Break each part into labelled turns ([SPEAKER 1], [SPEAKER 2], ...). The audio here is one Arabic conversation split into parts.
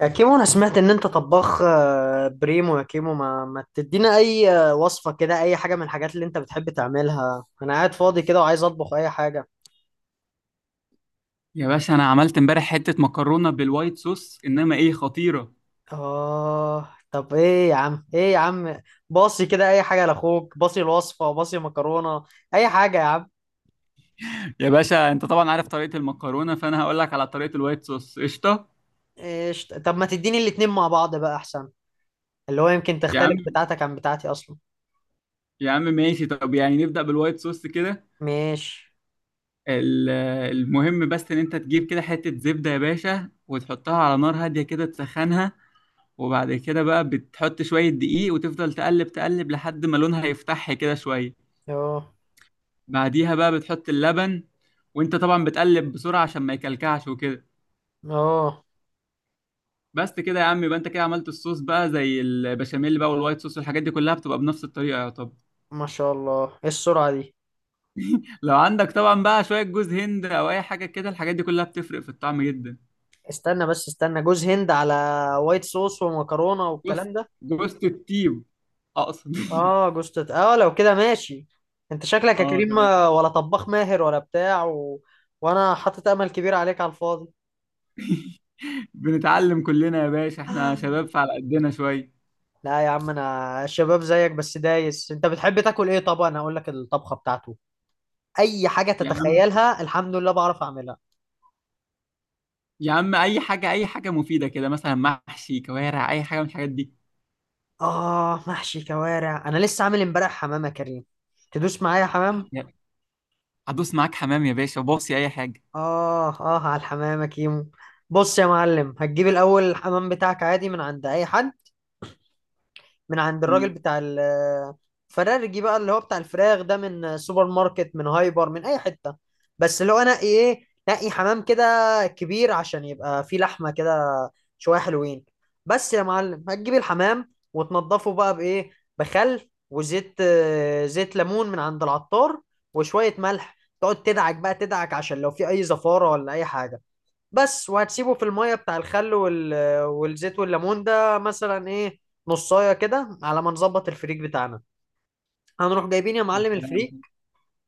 [SPEAKER 1] يا كيمو، انا سمعت ان انت طباخ بريمو. يا كيمو، ما تدينا اي وصفة كده، اي حاجة من الحاجات اللي انت بتحب تعملها. انا قاعد فاضي كده وعايز اطبخ اي حاجة.
[SPEAKER 2] يا باشا، انا عملت امبارح حته مكرونه بالوايت صوص انما ايه خطيره.
[SPEAKER 1] اه، طب ايه يا عم؟ ايه يا عم؟ باصي كده اي حاجة لاخوك. باصي الوصفة. باصي مكرونة. اي حاجة يا عم.
[SPEAKER 2] يا باشا، انت طبعا عارف طريقه المكرونه، فانا هقول لك على طريقه الوايت صوص قشطه.
[SPEAKER 1] إيش؟ طب ما تديني الاتنين مع بعض بقى احسن. اللي هو يمكن
[SPEAKER 2] يا عم
[SPEAKER 1] تختلف بتاعتك عن بتاعتي اصلا.
[SPEAKER 2] يا عم ماشي، طب يعني نبدا بالوايت صوص كده.
[SPEAKER 1] ماشي.
[SPEAKER 2] ال- المهم بس ان انت تجيب كده حته زبده يا باشا، وتحطها على نار هاديه كده تسخنها. وبعد كده بقى بتحط شويه دقيق، وتفضل تقلب تقلب لحد ما لونها يفتح كده شويه.
[SPEAKER 1] اه،
[SPEAKER 2] بعديها بقى بتحط اللبن، وانت طبعا بتقلب بسرعه عشان ما يكلكعش وكده.
[SPEAKER 1] اه.
[SPEAKER 2] بس كده يا عم، يبقى انت كده عملت الصوص بقى زي البشاميل بقى، والوايت صوص والحاجات دي كلها بتبقى بنفس الطريقه يا طب.
[SPEAKER 1] ما شاء الله، ايه السرعة دي!
[SPEAKER 2] لو عندك طبعا بقى شويه جوز هند او اي حاجه كده، الحاجات دي كلها بتفرق في الطعم جدا.
[SPEAKER 1] استنى، بس استنى، جوز هند على وايت صوص ومكرونة
[SPEAKER 2] جوز
[SPEAKER 1] والكلام ده؟
[SPEAKER 2] جوز الطيب. آه، اقصد
[SPEAKER 1] اه، جوز تت... اه لو كده ماشي. انت شكلك يا
[SPEAKER 2] اه
[SPEAKER 1] كريم
[SPEAKER 2] تمام.
[SPEAKER 1] ولا طباخ ماهر ولا بتاع وانا حاطط امل كبير عليك على الفاضي.
[SPEAKER 2] بنتعلم كلنا يا باشا، احنا شباب فعلى قدنا شويه.
[SPEAKER 1] لا يا عم، انا شباب زيك، بس دايس. انت بتحب تاكل ايه؟ طبعا انا اقول لك الطبخة بتاعته. اي حاجة
[SPEAKER 2] يا عم
[SPEAKER 1] تتخيلها، الحمد لله، بعرف اعملها.
[SPEAKER 2] يا عم اي حاجه اي حاجه مفيده كده، مثلا محشي كوارع اي حاجه من الحاجات دي.
[SPEAKER 1] اه، محشي كوارع. انا لسه عامل امبارح حمام يا كريم. تدوس معايا حمام؟
[SPEAKER 2] هدوس معاك حمام يا باشا، باصي اي حاجه.
[SPEAKER 1] آه، آه، على الحمام يا كيمو. بص يا معلم، هتجيب الأول الحمام بتاعك عادي من عند أي حد. من عند الراجل
[SPEAKER 2] امم.
[SPEAKER 1] بتاع الفرارجي بقى، اللي هو بتاع الفراخ ده، من سوبر ماركت، من هايبر، من أي حتة. بس اللي هو نقي إيه، نقي حمام كده، كبير عشان يبقى فيه لحمة كده، شوية حلوين. بس يا معلم، هتجيب الحمام وتنضفه بقى بإيه؟ بخل وزيت، زيت ليمون من عند العطار، وشوية ملح. تقعد تدعك بقى تدعك، عشان لو في أي زفارة ولا أي حاجة. بس. وهتسيبه في المية بتاع الخل والزيت والليمون ده، مثلا ايه، نصاية كده، على ما نظبط الفريك بتاعنا. هنروح جايبين يا
[SPEAKER 2] يا
[SPEAKER 1] معلم الفريك.
[SPEAKER 2] سلام.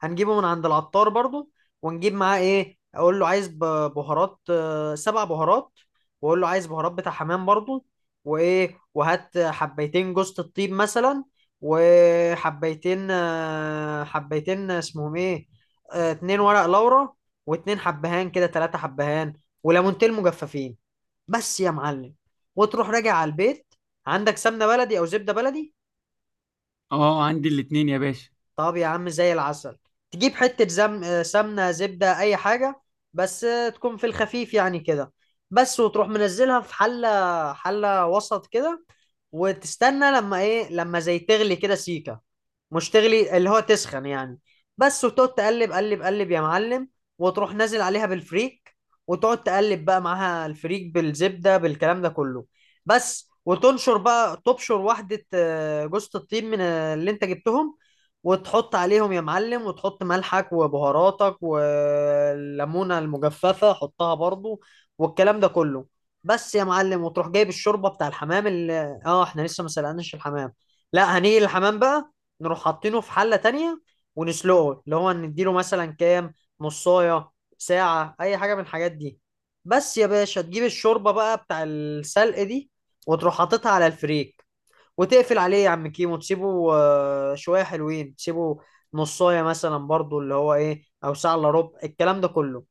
[SPEAKER 1] هنجيبه من عند العطار برضو. ونجيب معاه ايه؟ اقول له عايز بهارات، سبع بهارات. واقول له عايز بهارات بتاع حمام برضو. وايه، وهات حبيتين جوزة الطيب مثلا. وحبيتين آه، حبيتين اسمهم ايه؟ اتنين ورق لورا، واتنين حبهان كده، تلاتة حبهان، وليمونتين مجففين. بس يا معلم. وتروح راجع على البيت. عندك سمنه بلدي او زبده بلدي؟
[SPEAKER 2] اه عندي الاتنين يا باشا.
[SPEAKER 1] طب يا عم، زي العسل. تجيب حتة زم... آه، سمنة زبدة أي حاجة، بس، تكون في الخفيف يعني كده. بس، وتروح منزلها في حلة، حلة وسط كده. وتستنى لما إيه، لما زي تغلي كده سيكة. مش تغلي، اللي هو تسخن يعني. بس، وتقعد تقلب قلب قلب يا معلم. وتروح نازل عليها بالفريك. وتقعد تقلب بقى معاها الفريك، بالزبدة، بالكلام ده كله. بس، وتنشر بقى تبشر واحدة، جوزة الطيب من اللي انت جبتهم، وتحط عليهم يا معلم، وتحط ملحك وبهاراتك، والليمونة المجففة حطها برضو، والكلام ده كله. بس يا معلم، وتروح جايب الشوربة بتاع الحمام اللي احنا لسه ما سلقناش الحمام. لا، هنيجي الحمام بقى. نروح حاطينه في حلة تانية، ونسلقه، اللي هو نديله مثلا كام؟ نصاية، ساعة، أي حاجة من الحاجات دي. بس يا باشا، تجيب الشوربة بقى بتاع السلق دي، وتروح حاططها على الفريك، وتقفل عليه يا عم كيمو. تسيبه شوية حلوين، تسيبه نصاية مثلا برضو، اللي هو ايه، او ساعة الا ربع، الكلام ده كله.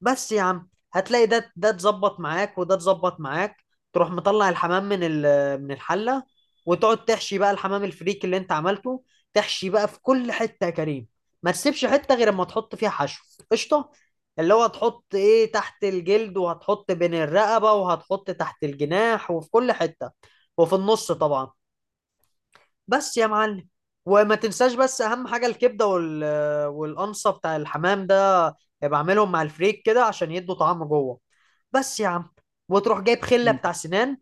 [SPEAKER 1] بس يا عم، هتلاقي ده اتظبط معاك وده اتظبط معاك. تروح مطلع الحمام من الحلة، وتقعد تحشي بقى الحمام الفريك اللي انت عملته. تحشي بقى في كل حتة يا كريم، ما تسيبش حتة غير اما تحط فيها حشو. قشطة. اللي هو هتحط ايه تحت الجلد، وهتحط بين الرقبة، وهتحط تحت الجناح، وفي كل حتة، وفي النص طبعا. بس يا معلم. وما تنساش بس اهم حاجه الكبده والقنصه بتاع الحمام ده، بعملهم مع الفريك كده عشان يدوا طعم جوه. بس يا عم. وتروح جايب خله
[SPEAKER 2] انت.
[SPEAKER 1] بتاع سنان،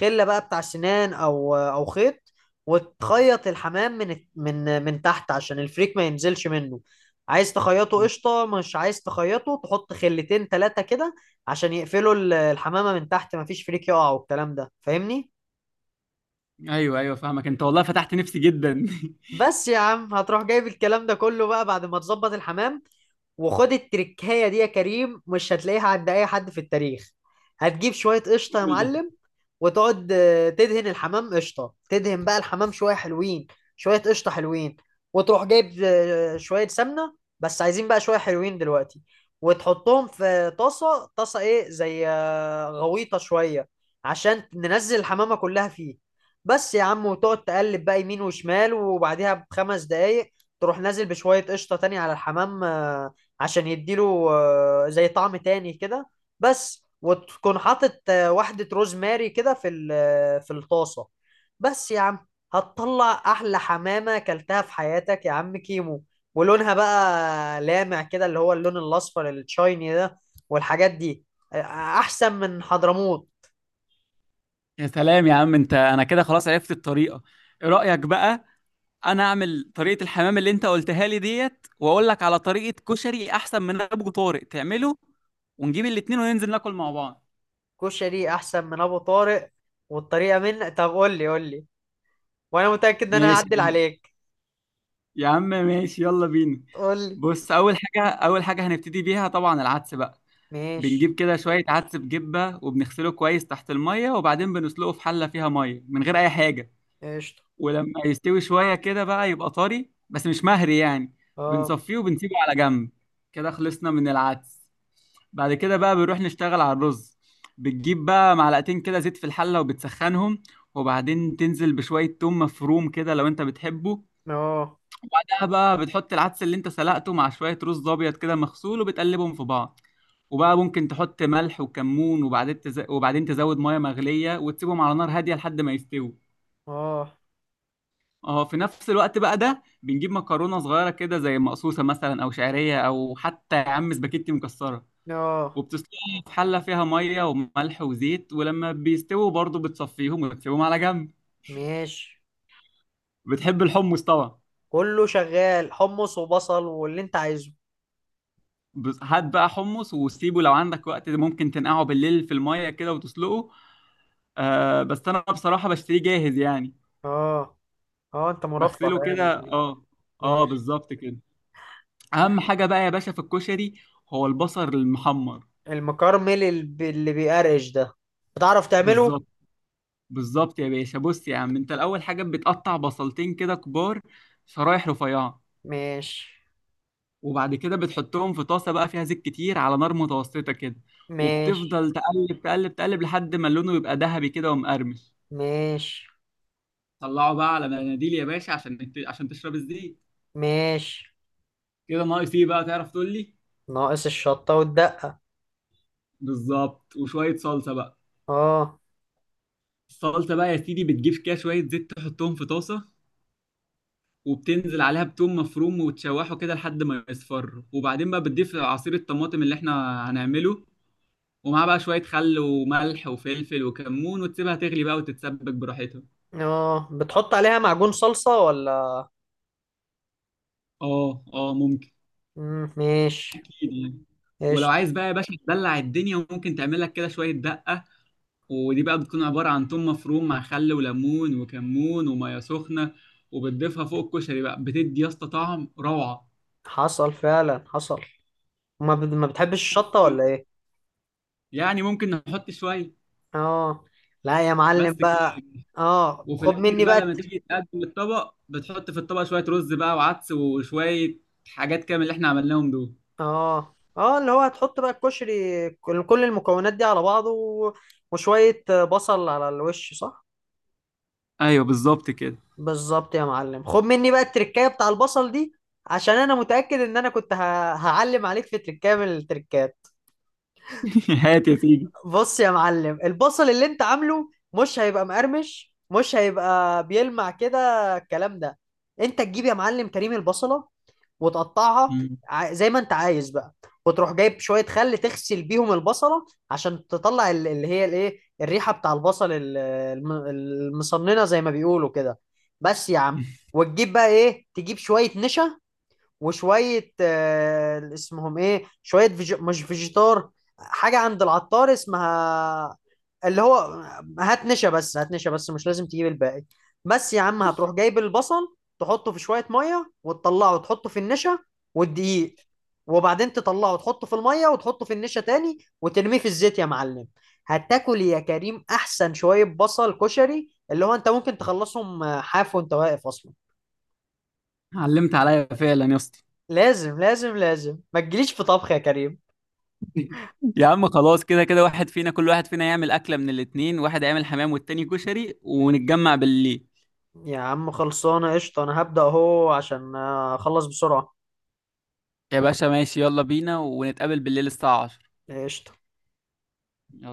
[SPEAKER 1] خله بقى بتاع سنان، او خيط. وتخيط الحمام من تحت، عشان الفريك ما ينزلش منه. عايز تخيطه قشطه، مش عايز تخيطه تحط خلتين ثلاثه كده، عشان يقفلوا الحمامه من تحت، ما فيش فريك يقع والكلام ده، فاهمني؟
[SPEAKER 2] ايوه ايوه فاهمك، انت والله فتحت نفسي جدا.
[SPEAKER 1] بس يا عم، هتروح جايب الكلام ده كله بقى بعد ما تظبط الحمام. وخد التركايه دي يا كريم، مش هتلاقيها عند اي حد في التاريخ. هتجيب شويه قشطه يا
[SPEAKER 2] قول.
[SPEAKER 1] معلم، وتقعد تدهن الحمام قشطه، تدهن بقى الحمام شويه حلوين، شويه قشطه حلوين. وتروح جايب شويه سمنه، بس عايزين بقى شويه حلوين دلوقتي، وتحطهم في طاسه، طاسه ايه، زي غويطه شويه، عشان ننزل الحمامه كلها فيه. بس يا عم، وتقعد تقلب بقى يمين وشمال، وبعديها ب5 دقايق تروح نازل بشويه قشطه تاني على الحمام، عشان يديله زي طعم تاني كده. بس، وتكون حاطط واحدة روزماري كده في في الطاسة. بس يا عم، هتطلع أحلى حمامة أكلتها في حياتك يا عم كيمو. ولونها بقى لامع كده، اللي هو اللون الأصفر التشايني ده، والحاجات دي. آه، أحسن من حضرموت.
[SPEAKER 2] يا سلام يا عم، انت انا كده خلاص عرفت الطريقه. ايه رايك بقى؟ انا اعمل طريقه الحمام اللي انت قلتها لي ديت، واقول لك على طريقه كشري احسن من ابو طارق تعمله، ونجيب الاتنين وننزل ناكل مع بعض.
[SPEAKER 1] كشري أحسن من أبو طارق، والطريقة طب قول لي، قول لي. وأنا متأكد إن أنا
[SPEAKER 2] ماشي.
[SPEAKER 1] هعدل عليك.
[SPEAKER 2] يا عم ماشي، يلا بينا.
[SPEAKER 1] قول لي.
[SPEAKER 2] بص، اول حاجه اول حاجه هنبتدي بيها طبعا العدس بقى.
[SPEAKER 1] ماشي.
[SPEAKER 2] بنجيب كده شويه عدس بجبه، وبنغسله كويس تحت الميه، وبعدين بنسلقه في حله فيها ميه من غير اي حاجه.
[SPEAKER 1] قشطة.
[SPEAKER 2] ولما يستوي شوية كده بقى يبقى طري بس مش مهري يعني،
[SPEAKER 1] اه،
[SPEAKER 2] بنصفيه وبنسيبه على جنب. كده خلصنا من العدس. بعد كده بقى بنروح نشتغل على الرز. بتجيب بقى معلقتين كده زيت في الحلة وبتسخنهم، وبعدين تنزل بشوية توم مفروم كده لو انت بتحبه.
[SPEAKER 1] اه،
[SPEAKER 2] بعدها بقى بتحط العدس اللي انت سلقته مع شوية رز أبيض كده مغسول، وبتقلبهم في بعض. وبقى ممكن تحط ملح وكمون، وبعدين تزود مية مغلية، وتسيبهم على نار هادية لحد ما يستووا.
[SPEAKER 1] اه،
[SPEAKER 2] اه، في نفس الوقت بقى ده بنجيب مكرونه صغيره كده زي مقصوصه مثلا، او شعريه، او حتى يا عم سباكيتي مكسره،
[SPEAKER 1] اه.
[SPEAKER 2] وبتسلقها في حله فيها ميه وملح وزيت، ولما بيستووا برضه بتصفيهم وتسيبهم على جنب.
[SPEAKER 1] ماشي.
[SPEAKER 2] بتحب الحمص طبعا؟
[SPEAKER 1] كله شغال، حمص وبصل واللي انت عايزه.
[SPEAKER 2] بس هات بقى حمص وسيبه، لو عندك وقت ده ممكن تنقعه بالليل في الميه كده وتسلقه. آه بس انا بصراحه بشتريه جاهز يعني.
[SPEAKER 1] اه، اه، انت مرفه
[SPEAKER 2] بغسله
[SPEAKER 1] يعني
[SPEAKER 2] كده،
[SPEAKER 1] وكده.
[SPEAKER 2] اه. اه
[SPEAKER 1] ماشي.
[SPEAKER 2] بالظبط كده. اهم حاجه بقى يا باشا في الكشري هو البصل المحمر.
[SPEAKER 1] المكرمل اللي بيقرقش ده. بتعرف تعمله؟
[SPEAKER 2] بالظبط. بالظبط يا باشا. بص يا عم، انت الاول حاجه بتقطع بصلتين كده كبار، شرايح رفيعه.
[SPEAKER 1] ماشي.
[SPEAKER 2] وبعد كده بتحطهم في طاسه بقى فيها زيت كتير على نار متوسطه كده.
[SPEAKER 1] ماشي.
[SPEAKER 2] وبتفضل تقلب تقلب تقلب لحد ما لونه يبقى ذهبي كده ومقرمش.
[SPEAKER 1] ماشي.
[SPEAKER 2] طلعه بقى على مناديل يا باشا، عشان تشرب الزيت.
[SPEAKER 1] ماشي.
[SPEAKER 2] كده ناقص ايه بقى تعرف تقول لي؟
[SPEAKER 1] ناقص الشطة والدقة.
[SPEAKER 2] بالظبط، وشويه صلصه بقى.
[SPEAKER 1] اه،
[SPEAKER 2] الصلصه بقى يا سيدي بتجيب كده شويه زيت تحطهم في طاسه، وبتنزل عليها بتوم مفروم وتشوحه كده لحد ما يصفر، وبعدين بقى بتضيف عصير الطماطم اللي احنا هنعمله، ومعاه بقى شوية خل وملح وفلفل وكمون، وتسيبها تغلي بقى وتتسبك براحتها.
[SPEAKER 1] اه، بتحط عليها معجون صلصة ولا؟
[SPEAKER 2] اه اه ممكن.
[SPEAKER 1] مم. ماشي.
[SPEAKER 2] اكيد يعني. ولو
[SPEAKER 1] ايش؟
[SPEAKER 2] عايز بقى يا باشا تدلع الدنيا، ممكن تعمل لك كده شوية دقة. ودي بقى بتكون عبارة عن توم مفروم مع خل وليمون وكمون ومية سخنة، وبتضيفها فوق الكشري بقى، بتدي يا اسطى طعم روعة.
[SPEAKER 1] حصل فعلا، حصل. ما بتحبش الشطة ولا ايه؟
[SPEAKER 2] يعني ممكن نحط شوية.
[SPEAKER 1] اه. لا يا معلم
[SPEAKER 2] بس.
[SPEAKER 1] بقى. اه،
[SPEAKER 2] وفي
[SPEAKER 1] خد
[SPEAKER 2] الاخر
[SPEAKER 1] مني بقى
[SPEAKER 2] بقى لما تيجي تقدم الطبق بتحط في الطبق شويه رز بقى وعدس وشويه حاجات كده من اللي احنا عملناهم دول.
[SPEAKER 1] اه، اه، اللي هو هتحط بقى الكشري، كل المكونات دي على بعضه وشوية بصل على الوش، صح؟
[SPEAKER 2] ايوه بالظبط كده.
[SPEAKER 1] بالظبط يا معلم، خد مني بقى التركاية بتاع البصل دي. عشان انا متأكد ان انا كنت هعلم عليك في تركاية من التركات.
[SPEAKER 2] هات يا سيدي.
[SPEAKER 1] بص يا معلم، البصل اللي انت عامله مش هيبقى مقرمش، مش هيبقى بيلمع كده، الكلام ده. انت تجيب يا معلم كريم البصلة وتقطعها
[SPEAKER 2] مم.
[SPEAKER 1] زي ما انت عايز بقى. وتروح جايب شوية خل تغسل بيهم البصلة، عشان تطلع اللي هي الايه، الريحة بتاع البصل المصننة زي ما بيقولوا كده. بس يا عم، وتجيب بقى ايه، تجيب شوية نشا، وشوية اسمهم ايه، شوية مش فيجيتار، حاجة عند العطار اسمها. اللي هو هات نشا بس، هات نشا بس، مش لازم تجيب الباقي. بس يا عم، هتروح جايب البصل، تحطه في شوية مية وتطلعه وتحطه في النشا والدقيق، وبعدين تطلعه وتحطه في المية، وتحطه في النشا تاني، وترميه في الزيت يا معلم. هتاكل يا كريم احسن شوية بصل كشري، اللي هو انت ممكن تخلصهم حاف وانت واقف اصلا.
[SPEAKER 2] علمت عليا فعلا يا اسطى.
[SPEAKER 1] لازم، لازم، لازم ما تجيليش في طبخ يا كريم.
[SPEAKER 2] يا عم خلاص، كده كده واحد فينا، كل واحد فينا يعمل أكلة من الاتنين، واحد هيعمل حمام والتاني كشري، ونتجمع بالليل.
[SPEAKER 1] يا عم، خلصانه قشطه، انا هبدأ اهو عشان اخلص بسرعه.
[SPEAKER 2] يا باشا ماشي، يلا بينا ونتقابل بالليل الساعة 10
[SPEAKER 1] قشطه.